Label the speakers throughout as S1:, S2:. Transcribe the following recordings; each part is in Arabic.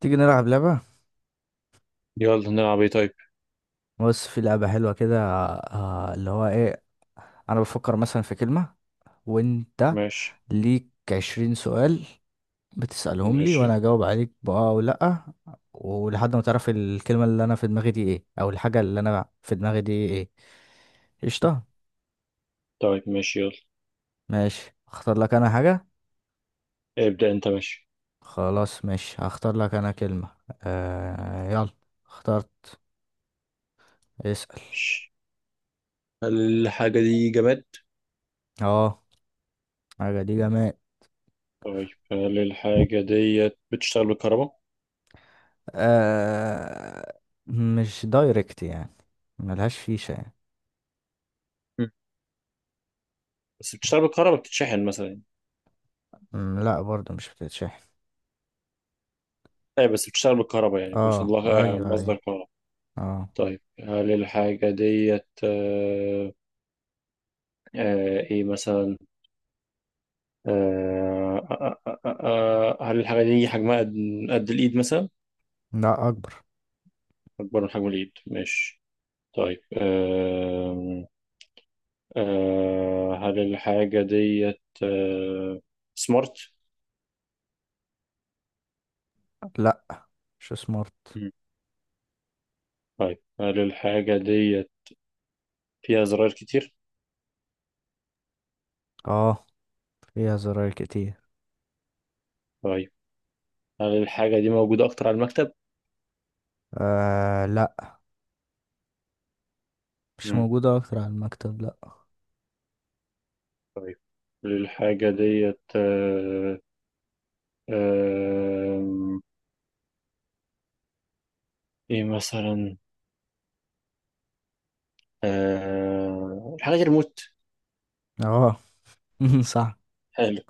S1: تيجي نلعب لعبة.
S2: يلا نلعب ايه طيب.
S1: بص، في لعبة حلوة كده. اللي هو ايه، انا بفكر مثلا في كلمة وانت
S2: ماشي.
S1: ليك 20 سؤال بتسألهم لي
S2: ماشي.
S1: وانا اجاوب عليك بأه او لأ ولحد ما تعرف الكلمة اللي انا في دماغي دي ايه او الحاجة اللي انا في دماغي دي ايه. قشطة.
S2: طيب ماشي يلا.
S1: ماشي، اختار لك انا حاجة.
S2: ابدأ انت ماشي.
S1: خلاص ماشي، هختار لك انا كلمة. يلا. اخترت. اسأل.
S2: ماشي. هل الحاجة دي جماد؟
S1: اه، حاجة دي جماد.
S2: طيب هل الحاجة ديت بتشتغل بالكهرباء؟
S1: آه مش دايركت يعني، ملهاش فيشة يعني.
S2: مم. بس بتشتغل بالكهرباء بتتشحن مثلا يعني.
S1: مم، لا، برضو مش بتتشحن.
S2: ايه بس بتشتغل بالكهرباء يعني بيوصل
S1: اه
S2: لها
S1: ايوه ايوه
S2: مصدر كهرباء.
S1: اه.
S2: طيب هل الحاجة ديت ايه مثلا؟ هل الحاجة دي حجمها قد قد الإيد مثلا؟
S1: لا، اكبر.
S2: أكبر من حجم الإيد ماشي. طيب هل الحاجة ديت سمارت؟
S1: لا، مش سمارت.
S2: مم. طيب هل الحاجة ديت فيها زراير كتير؟
S1: اه، فيها زراير كتير.
S2: طيب هل الحاجة دي موجودة أكتر على المكتب؟
S1: لا، مش
S2: مم.
S1: موجودة اكتر على المكتب، لا.
S2: طيب هل الحاجة ديت آه، إيه مثلا؟ الحاجة دي ريموت.
S1: اه، صح.
S2: حلو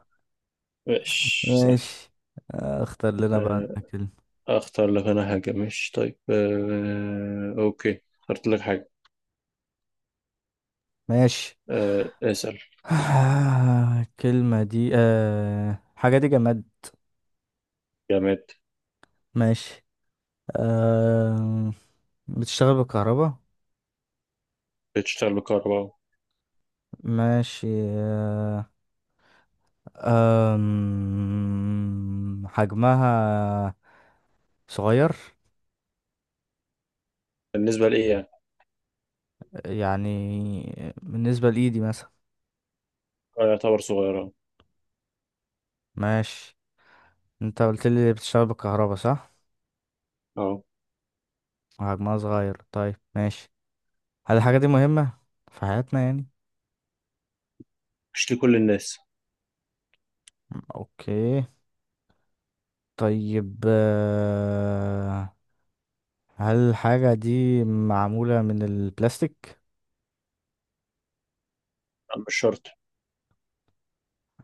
S2: ماشي سهل.
S1: ماشي. اختار لنا بقى
S2: آه،
S1: انت كلمة.
S2: أختار لك أنا حاجة. مش طيب أوكي اخترت لك حاجة.
S1: ماشي.
S2: اسأل.
S1: الكلمة دي آه حاجة دي جماد.
S2: جامد.
S1: ماشي. آه بتشتغل بالكهرباء.
S2: بتشتغل بالكهرباء.
S1: ماشي. آه، أم، حجمها صغير،
S2: بالنسبة لإيه يعني؟
S1: يعني بالنسبة لإيدي مثلا.
S2: يعتبر صغيرة.
S1: ماشي. انت قلت لي بتشتغل بالكهرباء صح،
S2: اه
S1: وحجمها صغير. طيب ماشي. هل الحاجة دي مهمة في حياتنا يعني؟
S2: مش لكل الناس.
S1: اوكي. طيب، هل الحاجة دي معمولة من البلاستيك؟
S2: مش شرط.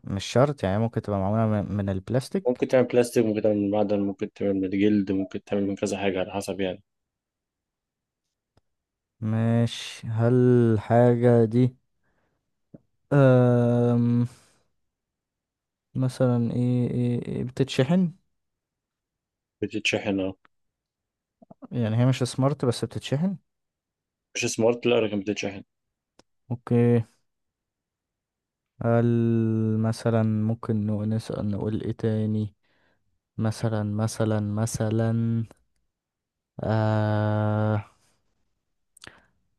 S1: مش شرط، يعني ممكن تبقى معمولة من البلاستيك.
S2: ممكن تعمل بلاستيك ممكن تعمل من معدن ممكن تعمل من جلد ممكن تعمل من كذا حاجة على حسب يعني.
S1: ماشي. هل الحاجة دي أم... مثلا إيه بتتشحن؟
S2: بتتشحن اه.
S1: يعني هي مش سمارت بس بتتشحن.
S2: مش سمارت لا لكن بتتشحن.
S1: اوكي. هل مثلا ممكن نسأل، نقول ايه تاني؟ مثلا. آه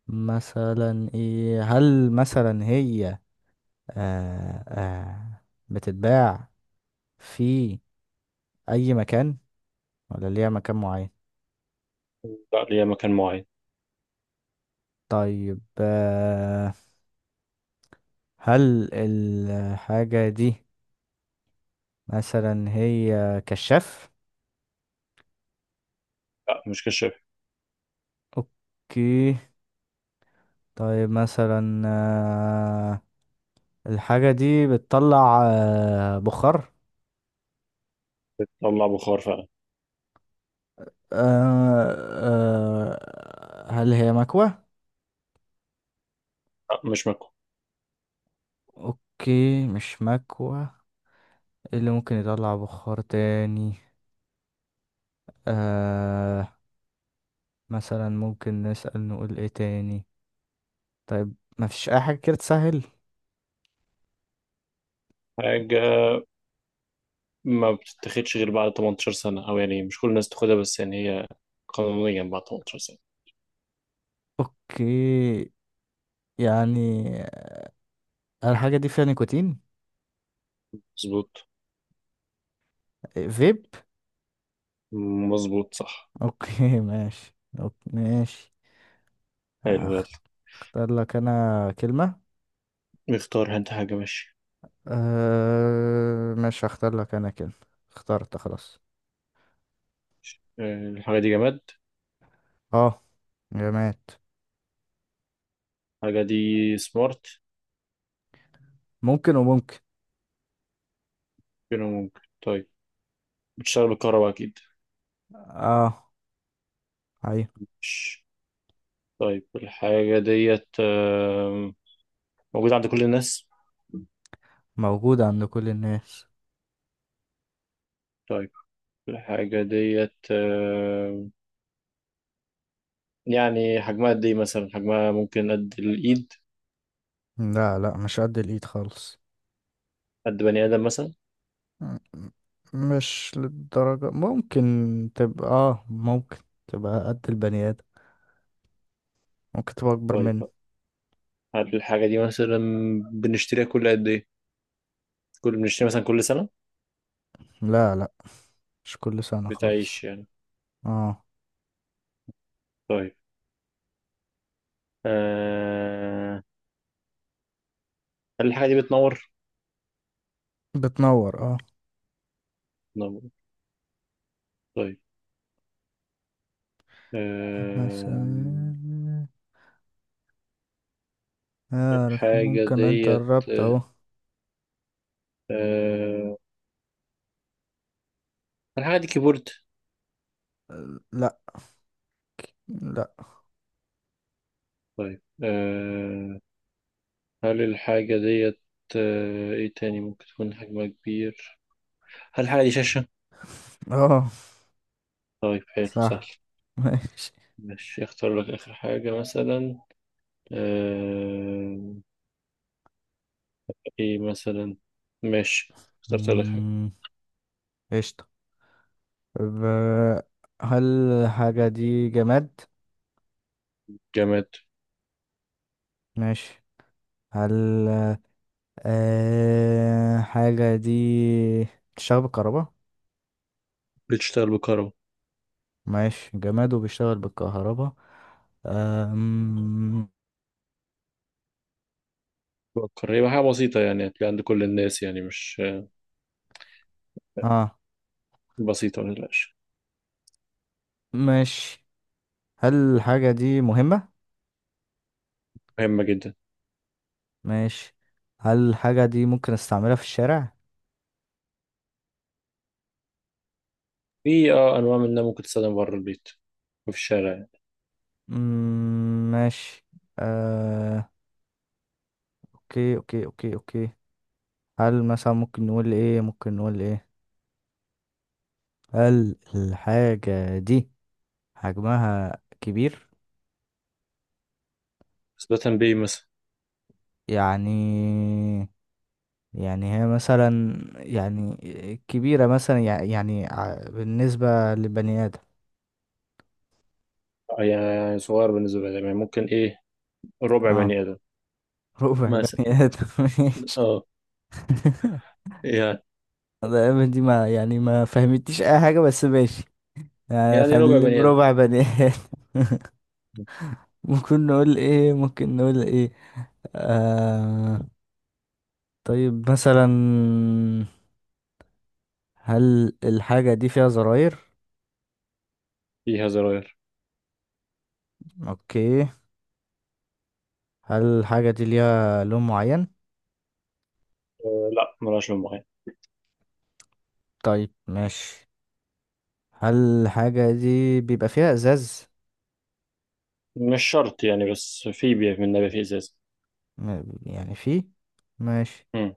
S1: مثلا ايه، هل مثلا هي آه آه بتتباع في اي مكان ولا ليها مكان معين؟
S2: لا ليها مكان معين.
S1: طيب، هل الحاجة دي مثلا هي كشاف؟
S2: لا مش كشاف.
S1: اوكي. طيب، مثلا الحاجة دي بتطلع بخار.
S2: بتطلع بخار فعلا.
S1: آه، هل هي مكوة؟
S2: لا مش مكوى.
S1: اوكي، مش مكوة. إيه اللي ممكن يطلع بخار تاني؟ آه، مثلا ممكن نسأل، نقول ايه تاني؟ طيب، مفيش اي حاجة كده تسهل؟
S2: حاجة ما بتتاخدش غير بعد 18 سنة أو يعني مش كل الناس تاخدها بس يعني هي قانونيا بعد 18 سنة.
S1: اوكي. يعني الحاجة دي فيها نيكوتين؟
S2: مظبوط.
S1: فيب.
S2: مظبوط صح.
S1: اوكي ماشي، أوكي ماشي.
S2: حلو يلا.
S1: هخ- اختار لك انا كلمة.
S2: نختار انت حاجة ماشي.
S1: ماشي، هختار لك انا كلمة. اخترت خلاص.
S2: الحاجة دي جماد.
S1: اه، جماد.
S2: الحاجة دي سمارت.
S1: ممكن وممكن.
S2: كده ممكن. طيب بتشتغل بالكهرباء أكيد.
S1: اه، هي
S2: مش- طيب الحاجة ديت موجودة عند كل الناس.
S1: موجودة عند كل الناس.
S2: طيب الحاجة ديت يعني حجمها قد إيه مثلا، حجمها ممكن قد الإيد.
S1: لا لا، مش قد الايد خالص.
S2: قد بني آدم مثلا.
S1: م- م- مش للدرجة. ممكن تبقى قد البني ادم، ممكن تبقى اكبر
S2: طيب
S1: منه.
S2: هل الحاجة دي مثلا بنشتريها كل قد إيه، كل بنشتريها مثلا كل سنة.
S1: لا لا، مش كل سنة خالص.
S2: بتعيش يعني.
S1: اه،
S2: طيب آه، هل الحاجة دي بتنور؟
S1: بتنور، اه.
S2: بتنور. طيب آم،
S1: مثلا،
S2: الحاجة
S1: ممكن انت
S2: ديت
S1: قربت اهو.
S2: أه الحاجة دي كيبورد.
S1: لا لا.
S2: طيب أه هل الحاجة ديت أه ايه تاني ممكن تكون حجمها كبير. هل الحاجة دي شاشة؟
S1: اه،
S2: طيب حلو سهل.
S1: صح. ماشي.
S2: ماشي اختار لك آخر حاجة مثلا. أه ايه مثلا. ماشي اخترت لك حاجة.
S1: مم، قشطة. طب، هل الحاجة دي جماد؟
S2: جماد.
S1: ماشي. هل حاجة دي بتشتغل بالكهرباء؟
S2: بتشتغل بكهرباء.
S1: ماشي، جماد وبيشتغل بالكهرباء. آم،
S2: بفكر هي حاجة بسيطة يعني هتلاقي عند كل الناس يعني مش
S1: اه
S2: بسيطة متقلقش.
S1: ماشي. هل الحاجة دي مهمة؟
S2: مهمة جدا.
S1: ماشي. هل الحاجة دي ممكن استعملها في الشارع؟
S2: في اه أنواع منها ممكن تستخدم بره البيت وفي الشارع يعني.
S1: مم، ماشي. آه، اوكي اوكي اوكي اوكي. هل مثلا ممكن نقول ايه، هل الحاجة دي حجمها كبير؟
S2: بس ده تنبيه مثلا.
S1: يعني، هي مثلا يعني كبيرة، مثلا بالنسبة لبني آدم.
S2: يعني صغير بالنسبة لي يعني ممكن إيه ربع
S1: اه،
S2: بني آدم
S1: ربع
S2: مثلا.
S1: بني آدم ماشي.
S2: أه يعني.
S1: دي ما يعني ما فهمتيش اي حاجة، بس ماشي. يعني
S2: يعني ربع
S1: خليه
S2: بني آدم.
S1: بربع بني آدم. ممكن نقول ايه. آه طيب، مثلا هل الحاجة دي فيها زراير؟
S2: فيها زراير.
S1: اوكي. هل الحاجة دي ليها لون معين؟
S2: أه لا ملهاش لون معين.
S1: طيب ماشي. هل الحاجة دي بيبقى فيها ازاز؟
S2: مش شرط يعني بس في من نبات في إزازة.
S1: يعني فيه. ماشي.
S2: مم.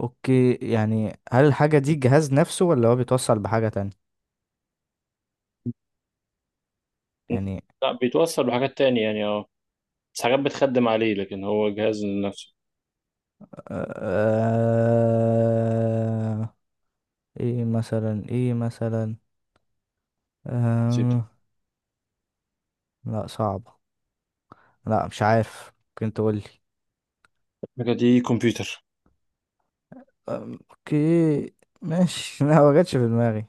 S1: اوكي، يعني هل الحاجة دي جهاز نفسه ولا هو بيتوصل بحاجة تانية؟ يعني،
S2: لا بيتوصل بحاجات تانية يعني أه بس حاجات بتخدم عليه لكن هو جهاز لنفسه.
S1: آه ايه مثلا،
S2: بسيطة.
S1: آه لا صعبة. لا، مش عارف، ممكن تقولي.
S2: الحاجة دي كمبيوتر.
S1: اوكي ماشي. لا، ما جاتش في دماغي.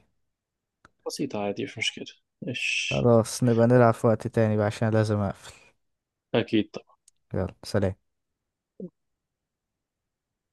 S2: بسيطة عادي مش مشكلة. إيش.
S1: خلاص، نبقى نلعب في وقت تاني بقى عشان لازم اقفل.
S2: أكيد.
S1: يلا، سلام.